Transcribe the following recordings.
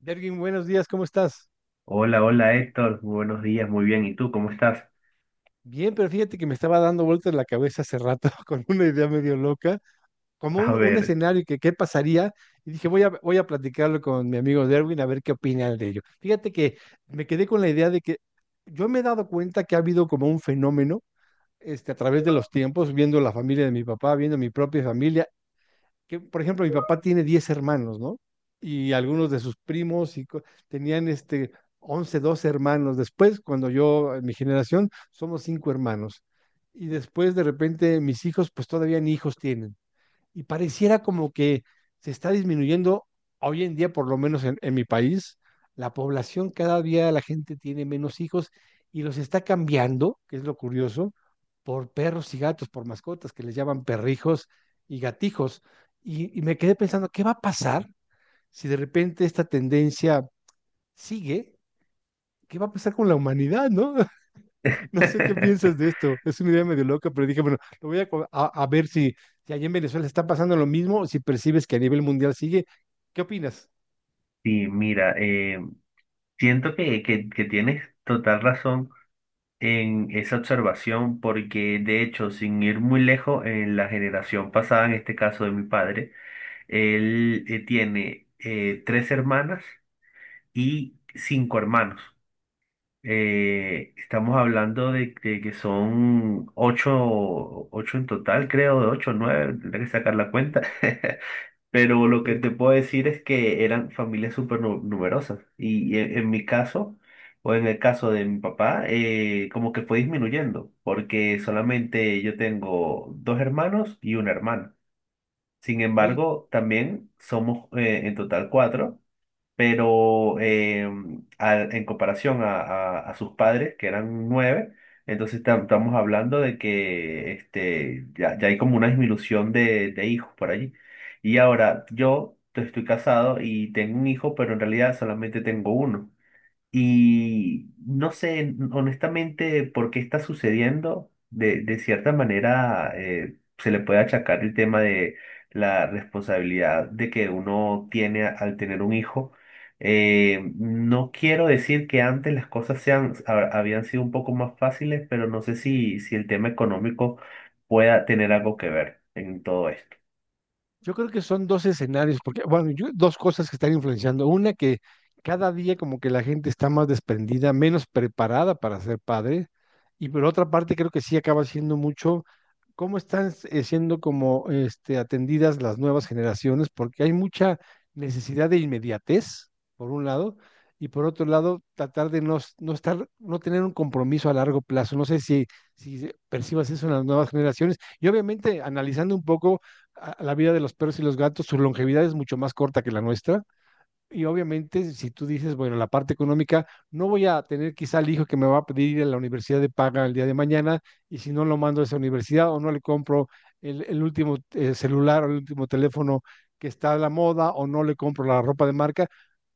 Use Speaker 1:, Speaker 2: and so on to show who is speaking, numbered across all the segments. Speaker 1: Dergin, buenos días, ¿cómo estás?
Speaker 2: Hola, hola Héctor, buenos días, muy bien. ¿Y tú cómo estás?
Speaker 1: Bien, pero fíjate que me estaba dando vueltas la cabeza hace rato con una idea medio loca, como
Speaker 2: A
Speaker 1: un
Speaker 2: ver,
Speaker 1: escenario que qué pasaría, y dije, voy a platicarlo con mi amigo Derwin a ver qué opina él de ello. Fíjate que me quedé con la idea de que yo me he dado cuenta que ha habido como un fenómeno a través de los tiempos, viendo la familia de mi papá, viendo mi propia familia, que, por ejemplo, mi papá tiene 10 hermanos, ¿no? Y algunos de sus primos y tenían 11, 12 hermanos. Después, cuando yo, en mi generación, somos cinco hermanos. Y después, de repente, mis hijos, pues todavía ni hijos tienen y pareciera como que se está disminuyendo hoy en día, por lo menos en mi país, la población cada día la gente tiene menos hijos y los está cambiando, que es lo curioso, por perros y gatos, por mascotas que les llaman perrijos y gatijos. Y me quedé pensando, ¿qué va a pasar si de repente esta tendencia sigue? ¿Qué va a pasar con la humanidad, no? No sé qué piensas de esto. Es una idea medio loca, pero dije, bueno, lo voy a, a ver si, si allá en Venezuela está pasando lo mismo o si percibes que a nivel mundial sigue. ¿Qué opinas?
Speaker 2: sí, mira, siento que tienes total razón en esa observación porque de hecho, sin ir muy lejos, en la generación pasada, en este caso de mi padre, él tiene tres hermanas y cinco hermanos. Estamos hablando de que son ocho, ocho en total, creo, de ocho, nueve, tendré que sacar la cuenta. Pero lo que
Speaker 1: Sí.
Speaker 2: te puedo decir es que eran familias súper numerosas. Y mi caso, o en el caso de mi papá, como que fue disminuyendo, porque solamente yo tengo dos hermanos y una hermana. Sin
Speaker 1: Ok.
Speaker 2: embargo, también somos en total cuatro, pero en comparación a sus padres, que eran nueve, entonces estamos hablando de que este, ya, ya hay como una disminución de hijos por allí. Y ahora estoy casado y tengo un hijo, pero en realidad solamente tengo uno. Y no sé honestamente por qué está sucediendo. De cierta manera se le puede achacar el tema de la responsabilidad de que uno tiene al tener un hijo. No quiero decir que antes las cosas sean, habían sido un poco más fáciles, pero no sé si, si el tema económico pueda tener algo que ver en todo esto.
Speaker 1: Yo creo que son dos escenarios, porque, bueno, dos cosas que están influenciando. Una, que cada día como que la gente está más desprendida, menos preparada para ser padre. Y por otra parte, creo que sí acaba siendo mucho cómo están siendo como atendidas las nuevas generaciones, porque hay mucha necesidad de inmediatez, por un lado, y por otro lado, tratar de no estar, no tener un compromiso a largo plazo. No sé si, si percibas eso en las nuevas generaciones. Y obviamente, analizando un poco a la vida de los perros y los gatos, su longevidad es mucho más corta que la nuestra y obviamente, si tú dices, bueno, la parte económica, no voy a tener quizá el hijo que me va a pedir ir a la universidad de paga el día de mañana, y si no lo mando a esa universidad o no le compro el último celular o el último teléfono que está a la moda o no le compro la ropa de marca,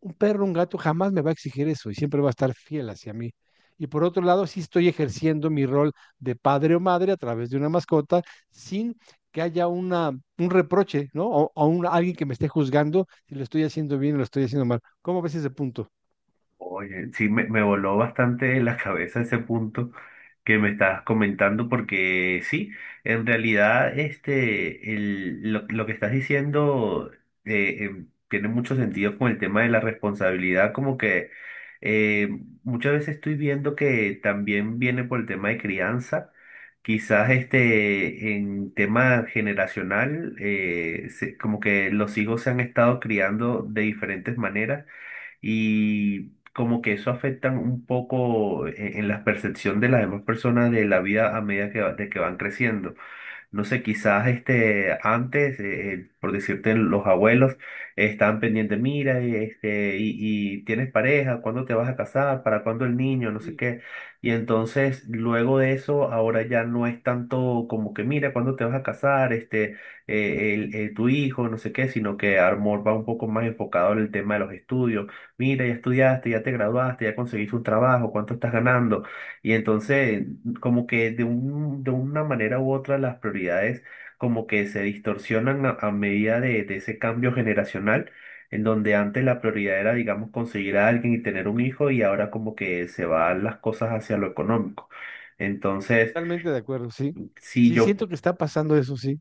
Speaker 1: un perro, un gato jamás me va a exigir eso y siempre va a estar fiel hacia mí. Y por otro lado, sí estoy ejerciendo mi rol de padre o madre a través de una mascota sin que haya un reproche, ¿no? Alguien que me esté juzgando si lo estoy haciendo bien o lo estoy haciendo mal. ¿Cómo ves ese punto?
Speaker 2: Oye, sí, me voló bastante la cabeza ese punto que me estabas comentando, porque sí, en realidad este, lo que estás diciendo tiene mucho sentido con el tema de la responsabilidad, como que eh, muchas veces estoy viendo que también viene por el tema de crianza, quizás este, en tema generacional, como que los hijos se han estado criando de diferentes maneras y como que eso afecta un poco en la percepción de las demás personas de la vida a medida que, de que van creciendo. No sé, quizás este, antes, por decirte, los abuelos estaban pendientes, mira, este, y tienes pareja, ¿cuándo te vas a casar? ¿Para cuándo el niño? No sé
Speaker 1: Sí,
Speaker 2: qué. Y entonces, luego de eso, ahora ya no es tanto como que, mira, ¿cuándo te vas a casar? Este, tu hijo, no sé qué, sino que amor va un poco más enfocado en el tema de los estudios. Mira, ya estudiaste, ya te graduaste, ya conseguiste un trabajo, ¿cuánto estás ganando? Y entonces como que de una manera u otra las prioridades como que se distorsionan a medida de ese cambio generacional, en donde antes la prioridad era, digamos, conseguir a alguien y tener un hijo y ahora como que se van las cosas hacia lo económico. Entonces,
Speaker 1: totalmente de acuerdo, sí.
Speaker 2: si
Speaker 1: Sí,
Speaker 2: yo,
Speaker 1: siento que está pasando eso, sí.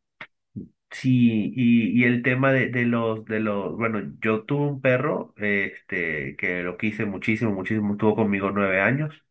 Speaker 2: sí, y el tema bueno, yo tuve un perro, este, que lo quise muchísimo, muchísimo, estuvo conmigo nueve años.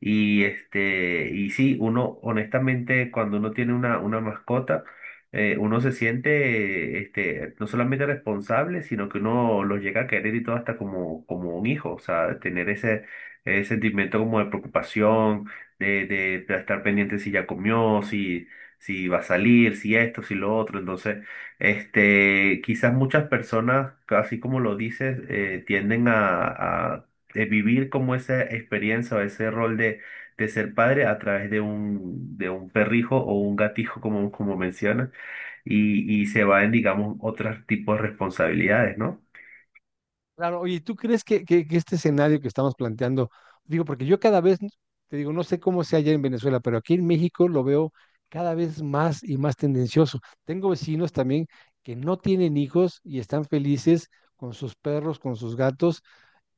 Speaker 2: Y este, y sí, uno, honestamente, cuando uno tiene una mascota, uno se siente, este, no solamente responsable, sino que uno los llega a querer y todo hasta como, como un hijo, o sea, tener ese, ese sentimiento como de preocupación, de estar pendiente si ya comió, si, si va a salir, si esto, si lo otro. Entonces, este, quizás muchas personas, así como lo dices, tienden a, de vivir como esa experiencia o ese rol de ser padre a través de un perrijo o un gatijo, como, como mencionas, y se va en, digamos, otros tipos de responsabilidades, ¿no?
Speaker 1: Claro, oye, ¿tú crees que, que este escenario que estamos planteando, digo, porque yo cada vez, te digo, no sé cómo sea allá en Venezuela, pero aquí en México lo veo cada vez más y más tendencioso. Tengo vecinos también que no tienen hijos y están felices con sus perros, con sus gatos,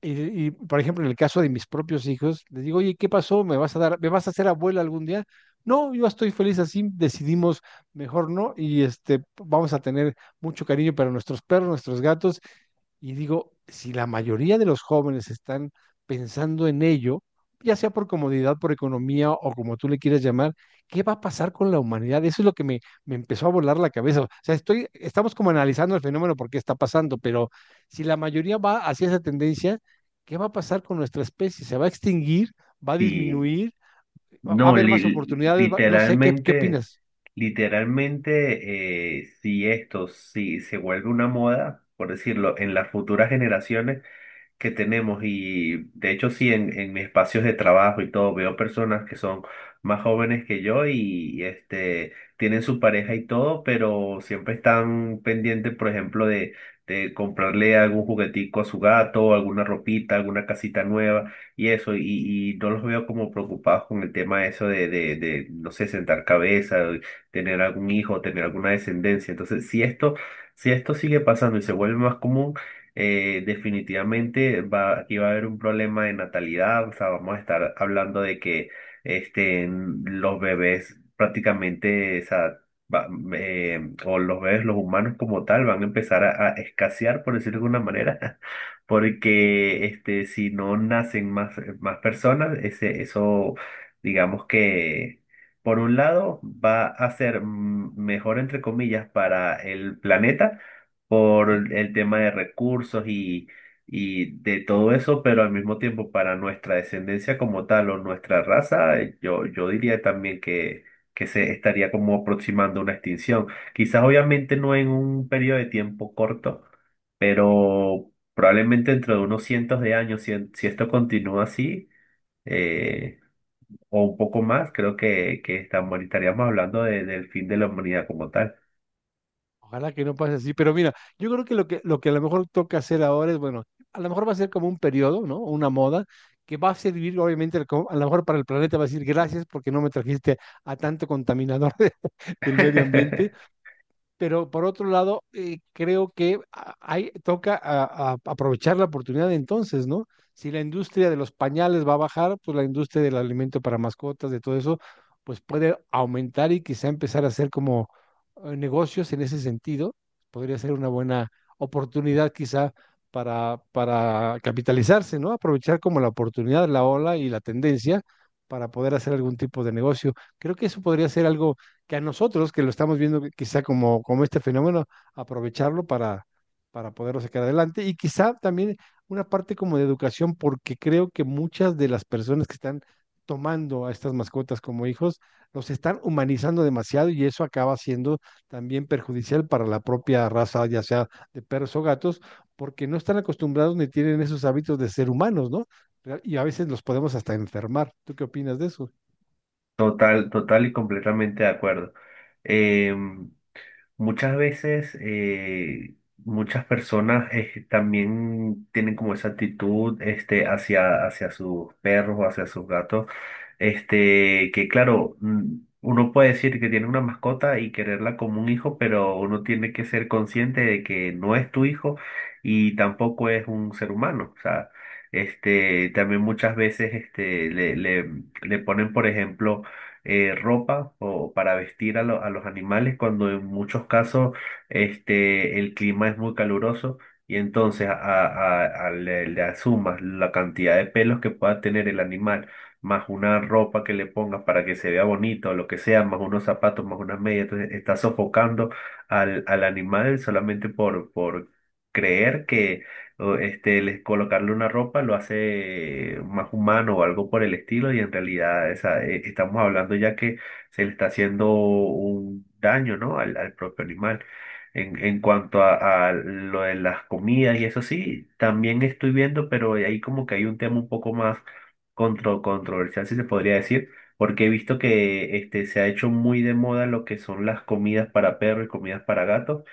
Speaker 1: Y, y por ejemplo, en el caso de mis propios hijos, les digo, oye, ¿qué pasó? ¿Me vas a dar, me vas a hacer abuela algún día? No, yo estoy feliz así, decidimos mejor no, y vamos a tener mucho cariño para nuestros perros, nuestros gatos, y digo, si la mayoría de los jóvenes están pensando en ello, ya sea por comodidad, por economía o como tú le quieras llamar, ¿qué va a pasar con la humanidad? Eso es lo que me empezó a volar la cabeza. O sea, estoy, estamos como analizando el fenómeno por qué está pasando, pero si la mayoría va hacia esa tendencia, ¿qué va a pasar con nuestra especie? ¿Se va a extinguir? ¿Va a
Speaker 2: Y
Speaker 1: disminuir? Va a
Speaker 2: no,
Speaker 1: haber más oportunidades? No sé, ¿qué, qué
Speaker 2: literalmente,
Speaker 1: opinas?
Speaker 2: literalmente, si esto, si se vuelve una moda, por decirlo, en las futuras generaciones, que tenemos y de hecho sí, en mis espacios de trabajo y todo, veo personas que son más jóvenes que yo y este, tienen su pareja y todo, pero siempre están pendientes, por ejemplo, de comprarle algún juguetico a su gato, alguna ropita, alguna casita nueva y eso, y no los veo como preocupados con el tema eso no sé, sentar cabeza, tener algún hijo, tener alguna descendencia. Entonces, si esto... Si esto sigue pasando y se vuelve más común, definitivamente va, aquí va a haber un problema de natalidad, o sea, vamos a estar hablando de que este, los bebés prácticamente, o sea, va- o los bebés, los humanos como tal, van a empezar a escasear, por decirlo de alguna manera, porque este, si no nacen más, más personas, ese, eso, digamos que... Por un lado, va a ser mejor, entre comillas, para el planeta, por
Speaker 1: ¿Sí?
Speaker 2: el tema de recursos y de todo eso, pero al mismo tiempo para nuestra descendencia como tal o nuestra raza, yo diría también que se estaría como aproximando una extinción. Quizás obviamente no en un periodo de tiempo corto, pero probablemente dentro de unos cientos de años, si, si esto continúa así, eh, o un poco más, creo que estamos, estaríamos hablando del fin de la humanidad como tal.
Speaker 1: Ojalá que no pase así, pero mira, yo creo que lo que, lo que a lo mejor toca hacer ahora es, bueno, a lo mejor va a ser como un periodo, ¿no? Una moda que va a servir, obviamente, al a lo mejor para el planeta va a decir gracias porque no me trajiste a tanto contaminador del medio ambiente, pero por otro lado, creo que toca aprovechar la oportunidad entonces, ¿no? Si la industria de los pañales va a bajar, pues la industria del alimento para mascotas, de todo eso, pues puede aumentar y quizá empezar a hacer como negocios en ese sentido. Podría ser una buena oportunidad quizá para capitalizarse, ¿no? Aprovechar como la oportunidad, la ola y la tendencia para poder hacer algún tipo de negocio. Creo que eso podría ser algo que a nosotros que lo estamos viendo quizá como, como este fenómeno, aprovecharlo para poderlo sacar adelante y quizá también una parte como de educación, porque creo que muchas de las personas que están tomando a estas mascotas como hijos, los están humanizando demasiado y eso acaba siendo también perjudicial para la propia raza, ya sea de perros o gatos, porque no están acostumbrados ni tienen esos hábitos de ser humanos, ¿no? Y a veces los podemos hasta enfermar. ¿Tú qué opinas de eso?
Speaker 2: Total, total y completamente de acuerdo. Eh, Muchas veces, muchas personas también tienen como esa actitud este, hacia, hacia sus perros o hacia sus gatos. Este, que claro, mm, uno puede decir que tiene una mascota y quererla como un hijo, pero uno tiene que ser consciente de que no es tu hijo y tampoco es un ser humano. O sea, este, también muchas veces este, le ponen, por ejemplo, ropa o para vestir a, a los animales cuando en muchos casos este, el clima es muy caluroso. Y entonces a, le le asumas la cantidad de pelos que pueda tener el animal más una ropa que le pongas para que se vea bonito o lo que sea, más unos zapatos, más unas medias. Entonces estás sofocando al, al animal solamente por creer que o, este, les, colocarle una ropa lo hace más humano o algo por el estilo y en realidad esa, estamos hablando ya que se le está haciendo un daño, ¿no? Al al propio animal. En cuanto a lo de las comidas y eso sí, también estoy viendo, pero ahí como que hay un tema un poco más controversial, si se podría decir, porque he visto que este, se ha hecho muy de moda lo que son las comidas para perros y comidas para gatos,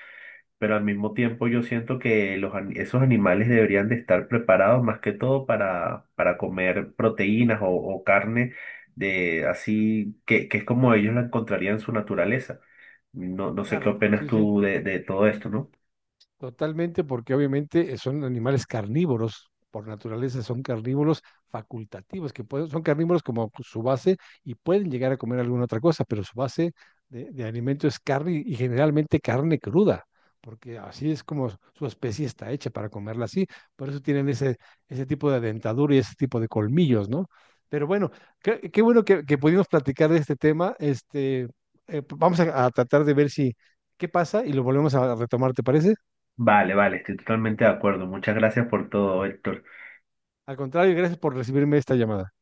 Speaker 2: pero al mismo tiempo yo siento que los, esos animales deberían de estar preparados más que todo para comer proteínas o carne de así, que es como ellos la encontrarían en su naturaleza. No, no sé qué
Speaker 1: Claro.
Speaker 2: opinas
Speaker 1: Sí, sí.
Speaker 2: tú de todo esto, ¿no?
Speaker 1: Totalmente, porque obviamente son animales carnívoros, por naturaleza son carnívoros facultativos, que pueden, son carnívoros como su base y pueden llegar a comer alguna otra cosa, pero su base de alimento es carne y generalmente carne cruda, porque así es como su especie está hecha para comerla así, por eso tienen ese, ese tipo de dentadura y ese tipo de colmillos, ¿no? Pero bueno, qué, qué bueno que pudimos platicar de este tema, vamos a tratar de ver si, qué pasa y lo volvemos a retomar, ¿te parece?
Speaker 2: Vale, vale, estoy totalmente de acuerdo. Muchas gracias por todo, Héctor.
Speaker 1: Al contrario, gracias por recibirme esta llamada.